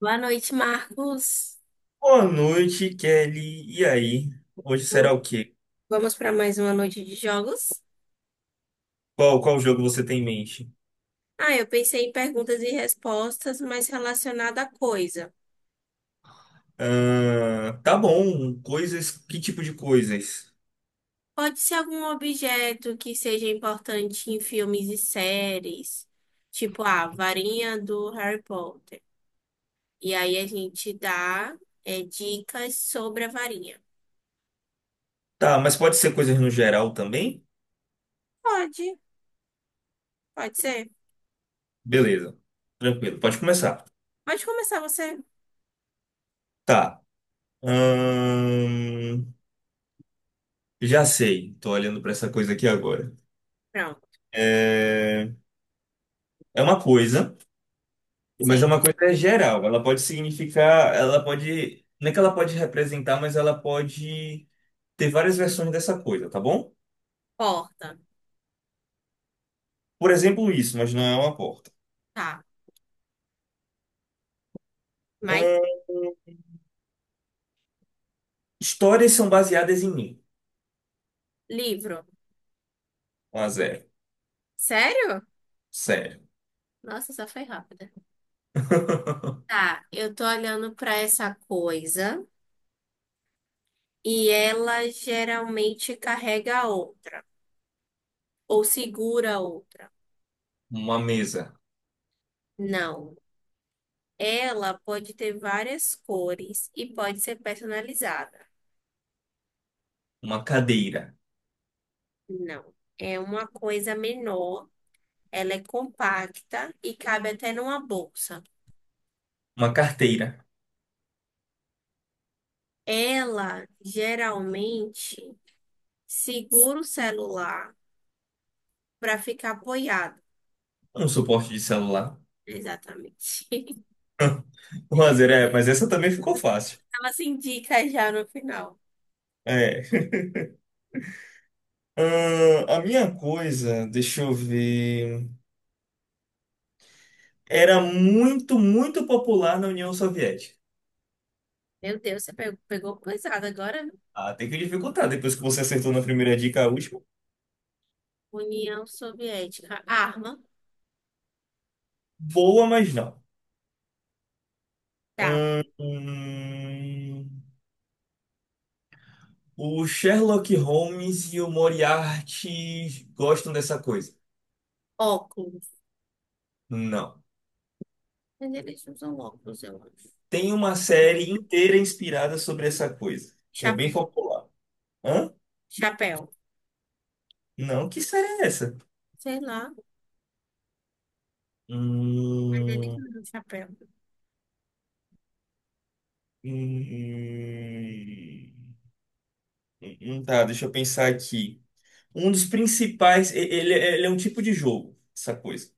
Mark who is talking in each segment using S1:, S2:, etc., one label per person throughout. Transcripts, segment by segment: S1: Boa noite, Marcos.
S2: Boa noite, Kelly. E aí? Hoje será o quê?
S1: Vamos para mais uma noite de jogos?
S2: Qual jogo você tem em mente?
S1: Ah, eu pensei em perguntas e respostas, mas relacionada à coisa.
S2: Ah, tá bom. Coisas. Que tipo de coisas?
S1: Pode ser algum objeto que seja importante em filmes e séries, tipo a varinha do Harry Potter. E aí a gente dá, dicas sobre a varinha.
S2: Tá, mas pode ser coisas no geral também?
S1: Pode, pode ser.
S2: Beleza. Tranquilo, pode começar.
S1: Pode começar você.
S2: Tá. Ahn, já sei. Tô olhando pra essa coisa aqui agora.
S1: Pronto,
S2: É, é uma coisa, mas é
S1: sei.
S2: uma coisa geral. Ela pode significar. Ela pode. Não é que ela pode representar, mas ela pode ter várias versões dessa coisa, tá bom?
S1: Porta.
S2: Por exemplo, isso, mas não é uma porta.
S1: Tá. Mais
S2: Ahn, histórias são baseadas em mim.
S1: livro.
S2: Um a zero.
S1: Sério?
S2: Sério.
S1: Nossa, só foi rápida. Tá, eu tô olhando pra essa coisa e ela geralmente carrega a outra ou segura a outra.
S2: Uma mesa,
S1: Não, ela pode ter várias cores e pode ser personalizada.
S2: uma cadeira,
S1: Não, é uma coisa menor, ela é compacta e cabe até numa bolsa.
S2: uma carteira,
S1: Ela geralmente segura o celular para ficar apoiado.
S2: um suporte de celular.
S1: Exatamente.
S2: Um a zero é, mas essa também ficou fácil.
S1: Ela se indica já no final.
S2: É. A minha coisa, deixa eu ver. Era muito, muito popular na União Soviética.
S1: Meu Deus, você pegou pesado agora, viu?
S2: Ah, tem que dificultar depois que você acertou na primeira dica, a última.
S1: União Soviética. Arma.
S2: Boa, mas não.
S1: Tá.
S2: Ahn, hum, o Sherlock Holmes e o Moriarty gostam dessa coisa?
S1: Óculos.
S2: Não.
S1: Mas eles usam óculos, eu acho.
S2: Tem uma
S1: Chapéu.
S2: série inteira inspirada sobre essa coisa, que é bem
S1: Chapéu.
S2: popular. Hã? Não, que série é essa?
S1: Sei lá, mas eles
S2: Hum,
S1: usam chapéu.
S2: hum, tá, deixa eu pensar aqui. Um dos principais, ele é um tipo de jogo, essa coisa.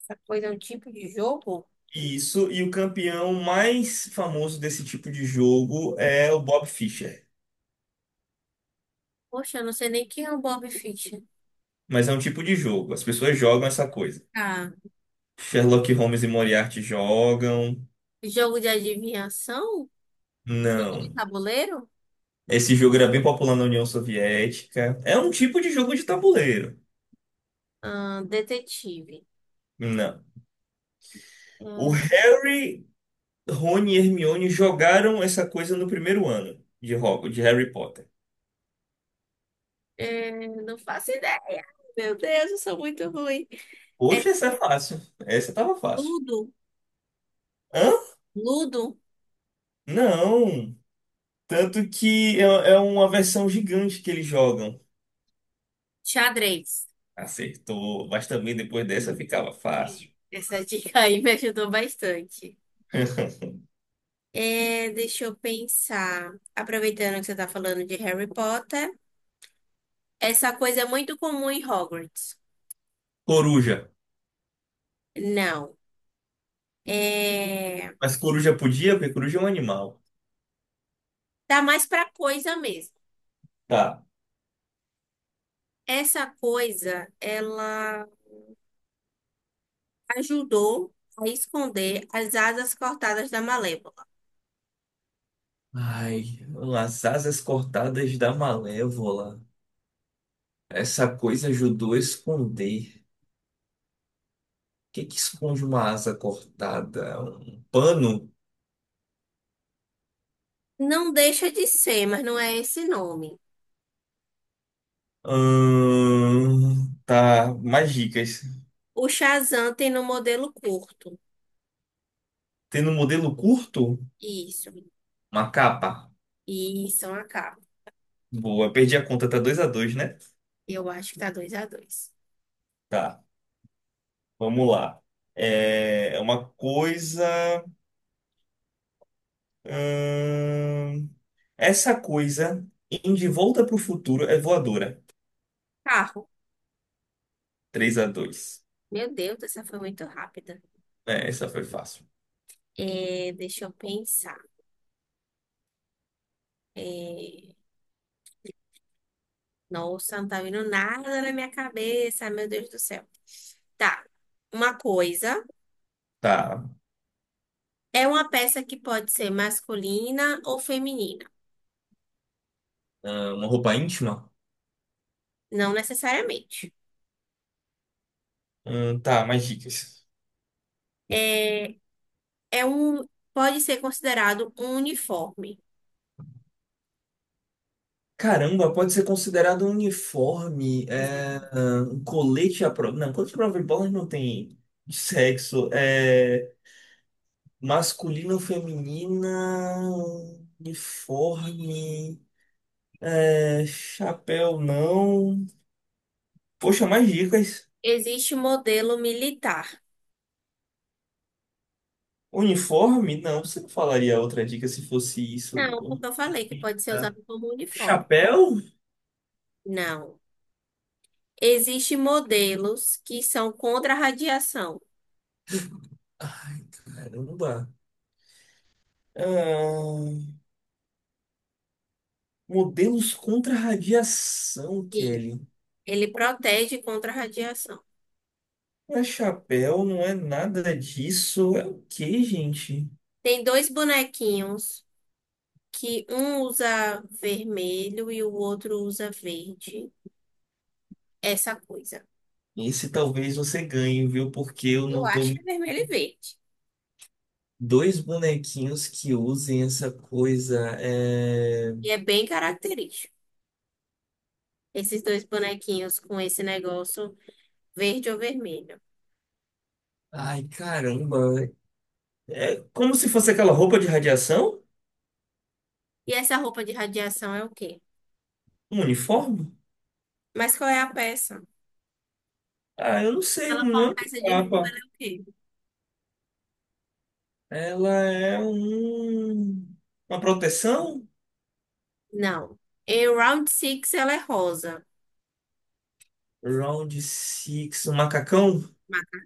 S1: Essa coisa é um tipo de jogo?
S2: Isso, e o campeão mais famoso desse tipo de jogo é o Bob Fischer.
S1: Poxa, eu não sei nem quem é o Bob Fischer.
S2: Mas é um tipo de jogo, as pessoas jogam essa coisa.
S1: Tá.
S2: Sherlock Holmes e Moriarty jogam.
S1: Jogo de adivinhação? Jogo de
S2: Não.
S1: tabuleiro?
S2: Esse jogo era bem popular na União Soviética. É um tipo de jogo de tabuleiro.
S1: Detetive.
S2: Não. O
S1: Ahn,
S2: Harry, Rony e Hermione jogaram essa coisa no primeiro ano de Hogwarts, de Harry Potter.
S1: não faço ideia. Meu Deus, eu sou muito ruim. É
S2: Poxa, essa é fácil. Essa tava fácil.
S1: Ludo.
S2: Hã?
S1: Ludo.
S2: Não. Tanto que é uma versão gigante que eles jogam.
S1: Xadrez.
S2: Acertou. Mas também depois dessa ficava fácil.
S1: Essa dica aí me ajudou bastante. Deixa eu pensar. Aproveitando que você tá falando de Harry Potter, essa coisa é muito comum em Hogwarts.
S2: Coruja.
S1: Não. É,
S2: Mas coruja podia, porque coruja é um animal.
S1: tá mais pra coisa mesmo.
S2: Tá.
S1: Essa coisa, ela ajudou a esconder as asas cortadas da Malévola.
S2: Ai, as asas cortadas da Malévola. Essa coisa ajudou a esconder. O que que esconde uma asa cortada? Um pano?
S1: Não deixa de ser, mas não é esse nome.
S2: Tá, mais dicas.
S1: O Shazam tem no modelo curto.
S2: Tendo um modelo curto,
S1: Isso.
S2: uma capa.
S1: Isso, uma capa.
S2: Boa, perdi a conta, tá 2 a 2, né?
S1: Eu acho que tá 2 a 2.
S2: Tá, vamos lá. É uma coisa. ahn, essa coisa em De Volta para o Futuro é voadora.
S1: Carro.
S2: 3 a 2.
S1: Meu Deus, essa foi muito rápida.
S2: É, essa foi fácil.
S1: Deixa eu pensar. É, nossa, não tá vindo nada na minha cabeça, meu Deus do céu. Tá. Uma coisa
S2: Tá.
S1: é uma peça que pode ser masculina ou feminina,
S2: Ah, uma roupa íntima?
S1: não necessariamente.
S2: Tá, mais dicas.
S1: É, é um, pode ser considerado um uniforme.
S2: Caramba, pode ser considerado um uniforme,
S1: Exato.
S2: um colete à prova. Não, colete à prova de bola não tem sexo. Masculino, feminina, uniforme, chapéu não. Poxa, mais dicas.
S1: Existe modelo militar.
S2: Uniforme? Não, você não falaria outra dica se fosse isso.
S1: Não, porque eu falei que pode ser
S2: Ah,
S1: usado como uniforme.
S2: chapéu?
S1: Não. Existem modelos que são contra a radiação.
S2: Ai, caramba. Ah, Modelos contra radiação,
S1: E
S2: Kelly.
S1: ele protege contra a radiação.
S2: Não é chapéu, não é nada disso. É o que gente?
S1: Tem dois bonequinhos que um usa vermelho e o outro usa verde. Essa coisa.
S2: Esse talvez você ganhe, viu? Porque eu
S1: Eu
S2: não tô.
S1: acho que é vermelho e verde.
S2: Dois bonequinhos que usem essa coisa. É...
S1: E é bem característico. Esses dois bonequinhos com esse negócio verde ou vermelho.
S2: Ai, caramba. É como se fosse aquela roupa de radiação?
S1: E essa roupa de radiação é o quê?
S2: Um uniforme?
S1: Mas qual é a peça?
S2: Ah, eu não sei,
S1: Ela foi
S2: não é
S1: uma
S2: uma
S1: peça de roupa, ela
S2: capa.
S1: é o quê?
S2: Ela é um... uma proteção?
S1: Não. Em Round 6 ela é rosa.
S2: Round six um macacão?
S1: Mas-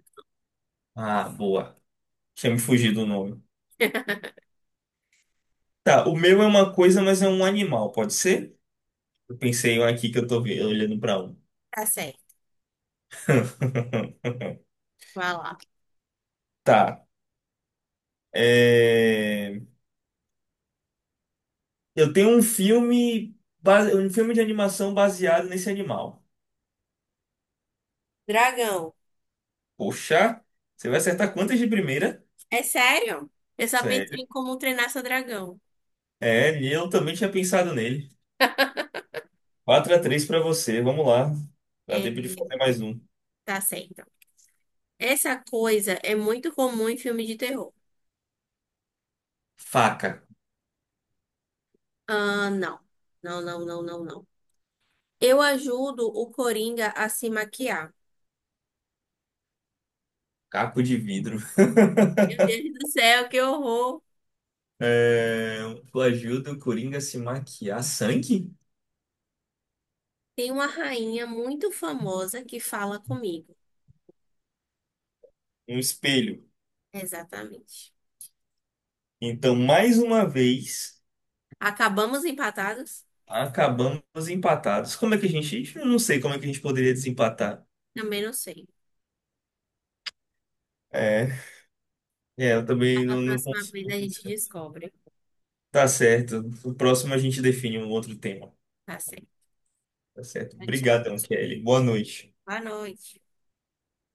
S2: Ah, boa. Tinha me fugido o nome. Tá, o meu é uma coisa, mas é um animal, pode ser? Eu pensei um aqui que eu tô olhando pra um.
S1: Tá certo. Vai lá.
S2: Tá. é, Eu tenho um filme, um filme de animação baseado nesse animal.
S1: Dragão.
S2: Poxa, você vai acertar quantas de primeira?
S1: É sério? Eu só pensei
S2: Sério.
S1: em como treinar seu dragão.
S2: É, e eu também tinha pensado nele. Quatro a três pra você, vamos lá. Dá
S1: É,
S2: tempo de fazer mais um.
S1: tá certo. Essa coisa é muito comum em filme de terror.
S2: Faca,
S1: Ah, não. Não, não, não, não, não. Eu ajudo o Coringa a se maquiar.
S2: caco de vidro.
S1: Meu Deus do céu, que horror!
S2: É... Coajuda o Coringa a se maquiar. Sangue?
S1: Tem uma rainha muito famosa que fala comigo.
S2: Um espelho.
S1: Exatamente.
S2: Então, mais uma vez,
S1: Acabamos empatados?
S2: acabamos empatados. Como é que a gente. Eu não sei como é que a gente poderia desempatar.
S1: Também não sei.
S2: É, eu também
S1: Na
S2: não
S1: próxima
S2: consigo.
S1: vez a gente descobre.
S2: Tá certo. No próximo a gente define um outro tema.
S1: Tá certo.
S2: Tá certo.
S1: Tchau.
S2: Obrigadão, Kelly. Boa noite.
S1: Boa noite.